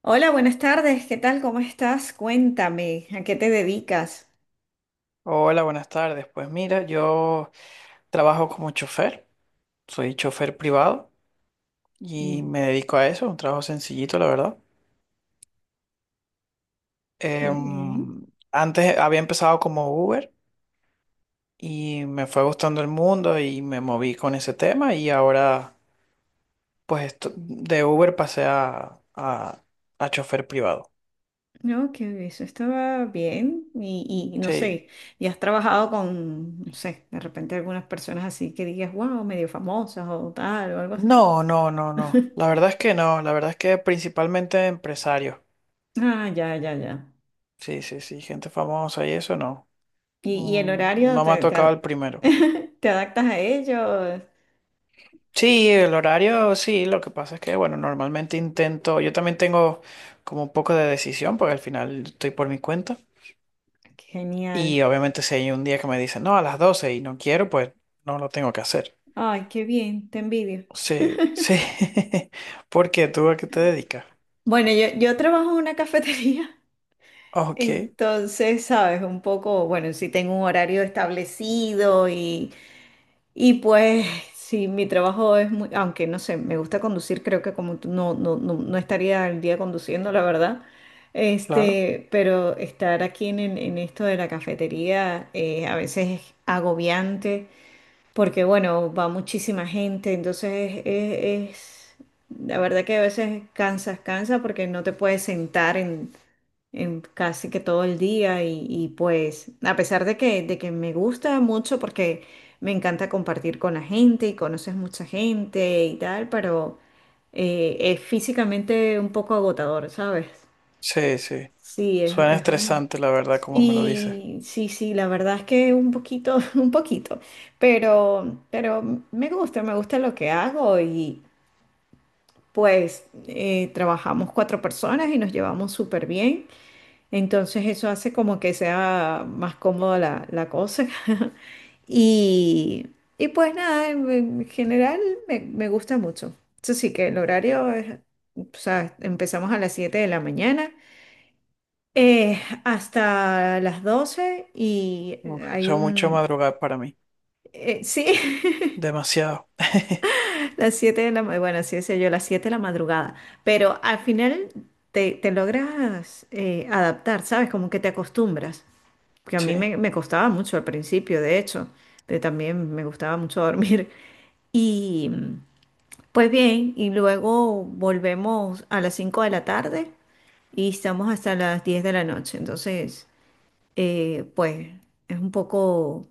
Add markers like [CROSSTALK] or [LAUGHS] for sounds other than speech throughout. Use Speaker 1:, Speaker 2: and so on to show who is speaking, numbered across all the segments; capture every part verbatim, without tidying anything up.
Speaker 1: Hola, buenas tardes. ¿Qué tal? ¿Cómo estás? Cuéntame, ¿a qué te dedicas?
Speaker 2: Hola, buenas tardes. Pues mira, yo trabajo como chofer, soy chofer privado y
Speaker 1: Mm.
Speaker 2: me dedico a eso, un trabajo sencillito, la verdad.
Speaker 1: Muy bien.
Speaker 2: Em, antes había empezado como Uber y me fue gustando el mundo y me moví con ese tema y ahora pues esto- de Uber pasé a, a, a chofer privado.
Speaker 1: No, que eso estaba bien. Y, y no
Speaker 2: Sí.
Speaker 1: sé, ¿y has trabajado con, no sé, de repente algunas personas así que digas, wow, medio famosas o tal o algo así?
Speaker 2: No, no, no, no. La
Speaker 1: [LAUGHS]
Speaker 2: verdad es que no, la verdad es que principalmente empresarios.
Speaker 1: Ah, ya, ya, ya.
Speaker 2: Sí, sí, sí, gente famosa y eso no.
Speaker 1: ¿Y, y el
Speaker 2: Mm,
Speaker 1: horario
Speaker 2: no me ha
Speaker 1: te, te
Speaker 2: tocado el
Speaker 1: a-
Speaker 2: primero.
Speaker 1: [LAUGHS] te adaptas a ellos?
Speaker 2: Sí, el horario, sí, lo que pasa es que, bueno, normalmente intento, yo también tengo como un poco de decisión, porque al final estoy por mi cuenta.
Speaker 1: Genial.
Speaker 2: Y obviamente si hay un día que me dicen, no, a las doce y no quiero, pues no lo tengo que hacer.
Speaker 1: Ay, qué bien, te envidio.
Speaker 2: Sí, sí. [LAUGHS] ¿Por qué? ¿Tú a qué te dedicas?
Speaker 1: Bueno, yo, yo trabajo en una [LAUGHS] cafetería.
Speaker 2: Ok,
Speaker 1: Entonces, sabes, un poco, bueno, sí tengo un horario establecido y, y pues sí, mi trabajo es muy, aunque no sé, me gusta conducir, creo que como tú, no, no, no, no estaría el día conduciendo, la verdad.
Speaker 2: claro.
Speaker 1: Este, pero estar aquí en, en- en esto de la cafetería eh, a veces es agobiante porque, bueno, va muchísima gente, entonces es, es- la verdad que a veces cansas, cansa porque no te puedes sentar en casi que todo el día y, y, pues a pesar de que, de que me gusta mucho porque me encanta compartir con la gente y conoces mucha gente y tal, pero eh, es físicamente un poco agotador, ¿sabes?
Speaker 2: Sí, sí.
Speaker 1: Sí, es,
Speaker 2: Suena
Speaker 1: es un...
Speaker 2: estresante, la verdad, como me lo dices.
Speaker 1: Sí, sí, sí, la verdad es que un poquito, [LAUGHS] un poquito, pero, pero me gusta, me gusta lo que hago y pues eh, trabajamos cuatro personas y nos llevamos súper bien. Entonces eso hace como que sea más cómoda la, la cosa. [LAUGHS] Y, y pues nada, en, en general me, me gusta mucho. Eso sí que el horario es, o sea, empezamos a las siete de la mañana eh, hasta las doce y
Speaker 2: Uf,
Speaker 1: hay
Speaker 2: eso es mucho
Speaker 1: un...
Speaker 2: madrugar para mí.
Speaker 1: eh, sí,
Speaker 2: Demasiado. [LAUGHS]
Speaker 1: [LAUGHS] las siete de la... ma- Bueno, así decía yo, las siete de la madrugada. Pero al final te, te logras eh, adaptar, ¿sabes? Como que te acostumbras, que a mí
Speaker 2: Sí,
Speaker 1: me, me costaba mucho al principio, de hecho, pero también me gustaba mucho [LAUGHS] dormir. Y pues bien, y luego volvemos a las cinco de la tarde y estamos hasta las diez de la noche. Entonces, eh, pues es un poco,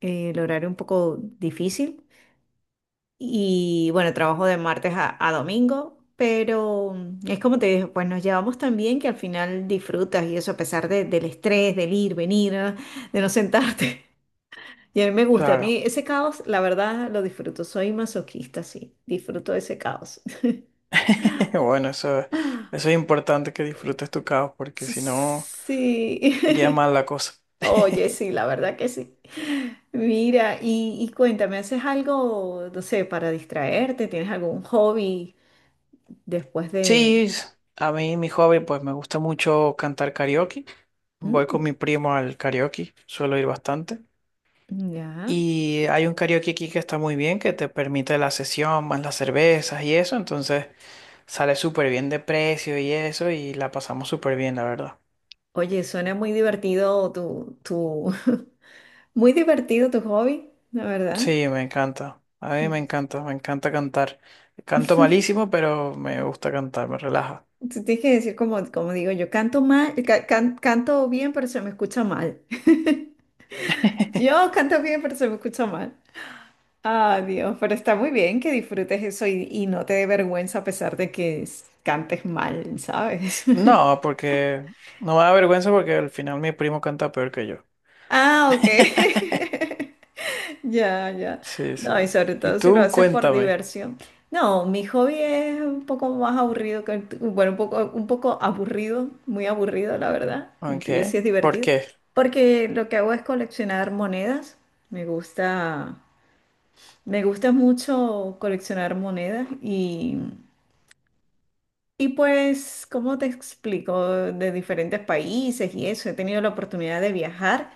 Speaker 1: eh, el horario un poco difícil. Y bueno, trabajo de martes a, a domingo, pero mm, es como te dije, pues nos llevamos tan bien que al final disfrutas y eso a pesar de- del estrés, del ir, venir, ah, de no sentarte. [LAUGHS] Y a mí me gusta, a
Speaker 2: claro.
Speaker 1: mí ese caos, la verdad, lo disfruto. Soy masoquista, sí, disfruto de ese caos.
Speaker 2: [LAUGHS] Bueno, eso,
Speaker 1: [LAUGHS]
Speaker 2: eso es importante que disfrutes tu caos, porque si no,
Speaker 1: Sí,
Speaker 2: iría mal la cosa.
Speaker 1: [LAUGHS] oye,
Speaker 2: [LAUGHS]
Speaker 1: sí, la verdad que sí. Mira, y, y cuéntame, ¿haces algo, no sé, para distraerte? ¿Tienes algún hobby después de...
Speaker 2: Sí, s- a mí mi hobby, pues me gusta mucho cantar karaoke. Voy con
Speaker 1: Mm,
Speaker 2: mi primo al karaoke, suelo ir bastante.
Speaker 1: ya.
Speaker 2: Y hay un karaoke aquí que está muy bien, que te permite la sesión, más las cervezas y eso, entonces sale súper bien de precio y eso, y la pasamos súper bien, la verdad.
Speaker 1: Oye, suena muy divertido tu, tu... [LAUGHS] Muy divertido tu hobby, la verdad.
Speaker 2: Sí, me encanta. A mí me encanta, me encanta cantar. Canto malísimo, pero me gusta cantar, me relaja.
Speaker 1: Tú tienes que decir como, como digo, yo canto mal, ca- can- canto bien, pero se me escucha mal. [LAUGHS]
Speaker 2: [LAUGHS]
Speaker 1: Yo canto bien, pero se me escucha mal. Ah, Dios, pero está muy bien que disfrutes eso y, y no te dé vergüenza a pesar de que s- cantes mal, ¿sabes?
Speaker 2: No,
Speaker 1: [LAUGHS]
Speaker 2: porque no me da vergüenza porque al final mi primo canta peor que yo.
Speaker 1: Ah, ok.
Speaker 2: [LAUGHS]
Speaker 1: [LAUGHS] Ya, ya.
Speaker 2: Sí, sí.
Speaker 1: No, y sobre
Speaker 2: Y
Speaker 1: todo si lo
Speaker 2: tú
Speaker 1: haces por
Speaker 2: cuéntame,
Speaker 1: diversión. No, mi hobby es un poco más aburrido que el tu- Bueno, un poco, un poco aburrido, muy aburrido, la verdad.
Speaker 2: ¿en
Speaker 1: El tuyo sí
Speaker 2: qué?
Speaker 1: es
Speaker 2: ¿Por
Speaker 1: divertido.
Speaker 2: qué?
Speaker 1: Porque lo que hago es coleccionar monedas. Me gusta, me gusta mucho coleccionar monedas y, y pues, ¿cómo te explico? De diferentes países y eso. He tenido la oportunidad de viajar.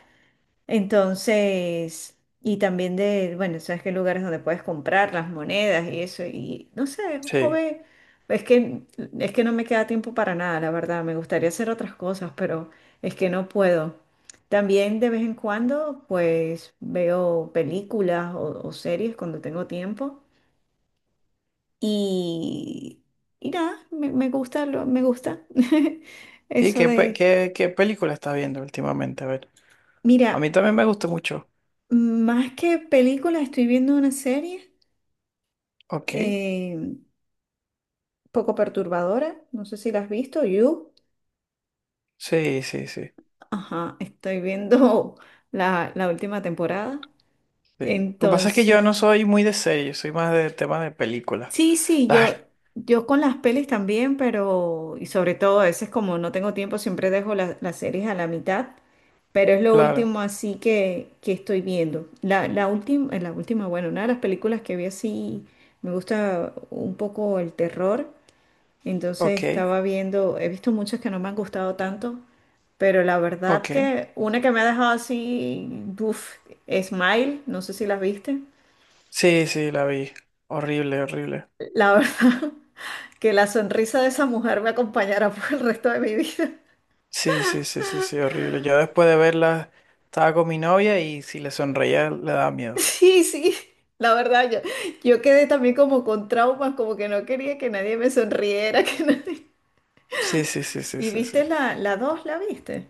Speaker 1: Entonces, y también de, bueno, sabes que hay lugares donde puedes comprar las monedas y eso, y no sé,
Speaker 2: Sí.
Speaker 1: joven, es que, es que no me queda tiempo para nada, la verdad, me gustaría hacer otras cosas, pero es que no puedo. También de vez en cuando, pues veo películas o, o series cuando tengo tiempo y, y nada, me, me gusta, lo- me gusta [LAUGHS]
Speaker 2: Sí,
Speaker 1: eso
Speaker 2: ¿qué, pe-
Speaker 1: de,
Speaker 2: qué, qué película estás viendo últimamente? A ver.
Speaker 1: mira,
Speaker 2: A mí también me gusta mucho.
Speaker 1: más que películas, estoy viendo una serie.
Speaker 2: Ok.
Speaker 1: eh, poco perturbadora. No sé si la has visto, You.
Speaker 2: Sí, sí, sí.
Speaker 1: Ajá, estoy viendo [LAUGHS] la, la última temporada.
Speaker 2: Sí. Lo que pasa es que yo
Speaker 1: Entonces,
Speaker 2: no soy muy de serie, soy más de temas de películas. [LAUGHS]
Speaker 1: sí, sí,
Speaker 2: Claro,
Speaker 1: yo, yo con las pelis también, pero, y sobre todo a veces como no tengo tiempo, siempre dejo la- las series a la mitad, pero es lo
Speaker 2: claro.
Speaker 1: último así que, que estoy viendo. La, la última, la última, bueno, una de las películas que vi así, me gusta un poco el terror, entonces
Speaker 2: Ok.
Speaker 1: estaba viendo, he visto muchas que no me han gustado tanto. Pero la verdad
Speaker 2: Ok.
Speaker 1: que una que me ha dejado así, uff, Smile, no sé si las viste.
Speaker 2: Sí, sí, la vi. Horrible, horrible.
Speaker 1: La verdad [LAUGHS] que la sonrisa de esa mujer me acompañará por el resto de mi vida. [LAUGHS]
Speaker 2: Sí, sí, sí, sí, sí, horrible. Yo después de verla estaba con mi novia y si le sonreía le daba miedo.
Speaker 1: Sí, sí, la verdad, yo, yo quedé también como con traumas, como que no quería que nadie me sonriera, [LAUGHS] que nadie...
Speaker 2: Sí, sí, sí, sí,
Speaker 1: ¿Y
Speaker 2: sí, sí.
Speaker 1: viste la, la dos, la viste?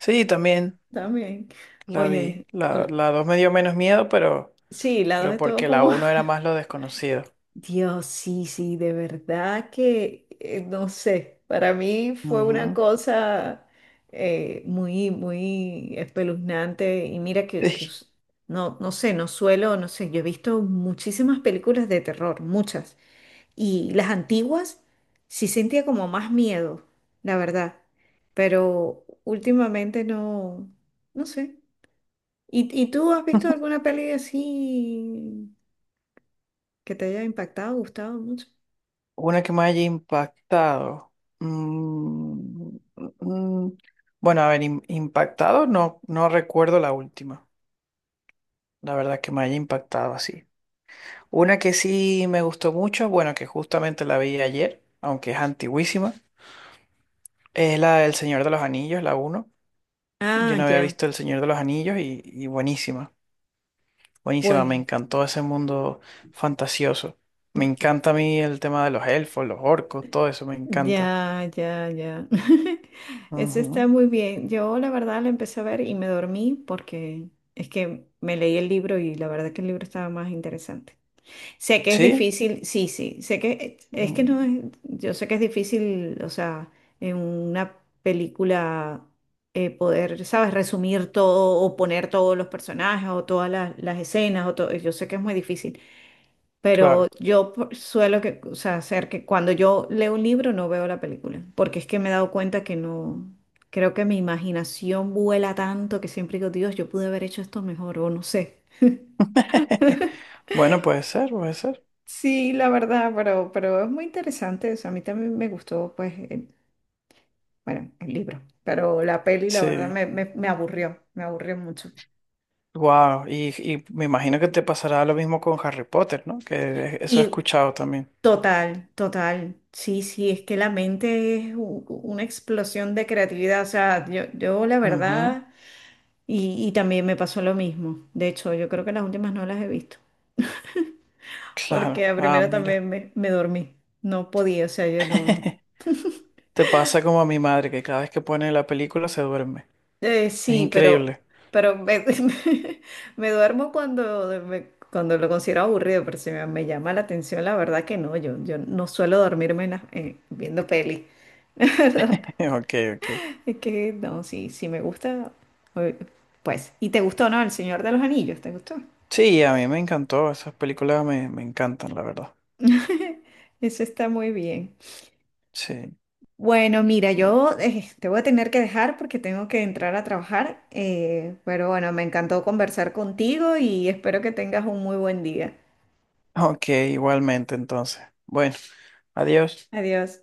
Speaker 2: Sí, también
Speaker 1: También.
Speaker 2: la vi.
Speaker 1: Oye,
Speaker 2: La,
Speaker 1: la-
Speaker 2: la dos me dio menos miedo, pero,
Speaker 1: sí, la dos
Speaker 2: pero
Speaker 1: estuvo
Speaker 2: porque la
Speaker 1: como
Speaker 2: uno era más lo desconocido.
Speaker 1: Dios. Sí, sí, de verdad que, eh, no sé, para mí fue una
Speaker 2: Ujú.
Speaker 1: cosa eh, muy, muy espeluznante y mira que, que
Speaker 2: Sí.
Speaker 1: s- no, no sé, no suelo, no sé, yo he visto muchísimas películas de terror, muchas, y las antiguas sí sentía como más miedo, la verdad, pero últimamente no, no sé. ¿Y, y tú has visto alguna peli así que te haya impactado, gustado mucho?
Speaker 2: Una que me haya impactado. Mm, mm, mm. Bueno, a ver, im- impactado no, no recuerdo la última. La verdad que me haya impactado así. Una que sí me gustó mucho, bueno, que justamente la vi ayer, aunque es antiguísima, es la del Señor de los Anillos, la uno. Yo
Speaker 1: Ah,
Speaker 2: no había
Speaker 1: ya,
Speaker 2: visto El Señor de los Anillos y, y buenísima, buenísima, me
Speaker 1: pues,
Speaker 2: encantó ese mundo fantasioso. Me encanta a mí el tema de los elfos, los orcos, todo eso me encanta.
Speaker 1: ya, ya, ya. [LAUGHS] Eso está
Speaker 2: Ujú.
Speaker 1: muy bien. Yo la verdad lo empecé a ver y me dormí porque es que me leí el libro y la verdad que el libro estaba más interesante. Sé que es
Speaker 2: ¿Sí?
Speaker 1: difícil, sí, sí, sé que es que no
Speaker 2: Mm,
Speaker 1: es, yo sé que es difícil, o sea, en una película eh, poder, ¿sabes? Resumir todo o poner todos los personajes o todas las, las escenas o todo. Yo sé que es muy difícil. Pero
Speaker 2: claro.
Speaker 1: yo por- suelo que, o sea, hacer que cuando yo leo un libro no veo la película, porque es que me he dado cuenta que no, creo que mi imaginación vuela tanto que siempre digo, Dios, yo pude haber hecho esto mejor o no sé.
Speaker 2: [LAUGHS] Bueno, puede ser, puede ser.
Speaker 1: Sí, la verdad, pero, pero es muy interesante, o sea, a mí también me gustó, pues, el- bueno, el libro, pero la peli, la verdad,
Speaker 2: Sí.
Speaker 1: me, me, me aburrió, me aburrió mucho.
Speaker 2: Wow, y, y me imagino que te pasará lo mismo con Harry Potter, ¿no? Que eso he
Speaker 1: Y
Speaker 2: escuchado también.
Speaker 1: total, total, sí, sí, es que la mente es u- u- una explosión de creatividad, o sea, yo, yo la
Speaker 2: Ujú.
Speaker 1: verdad... Y, y también me pasó lo mismo. De hecho, yo creo que las últimas no las he visto. Porque
Speaker 2: Claro.
Speaker 1: a
Speaker 2: Ah,
Speaker 1: primera
Speaker 2: mira.
Speaker 1: también me, me dormí. No podía, o sea, yo no, no.
Speaker 2: [LAUGHS] Te pasa como a mi madre, que cada vez que pone la película se duerme.
Speaker 1: Eh,
Speaker 2: Es
Speaker 1: sí, pero,
Speaker 2: increíble.
Speaker 1: pero me, [LAUGHS] me duermo cuando, me- cuando lo considero aburrido, pero si me, me llama la atención, la verdad que no. Yo, yo no suelo dormirme en las- eh, viendo peli. [LAUGHS] ¿Verdad?
Speaker 2: [LAUGHS] Ok, ok.
Speaker 1: Es que no, sí, sí me gusta. Eh, pues, ¿y te gustó, no? El Señor de los Anillos, ¿te gustó?
Speaker 2: Sí, a mí me encantó. Esas películas me, me encantan, la verdad.
Speaker 1: [LAUGHS] Eso está muy bien.
Speaker 2: Sí.
Speaker 1: Bueno, mira, yo eh, te voy a tener que dejar porque tengo que entrar a trabajar, eh, pero bueno, me encantó conversar contigo y espero que tengas un muy buen día.
Speaker 2: Ok, igualmente entonces. Bueno, adiós.
Speaker 1: Adiós.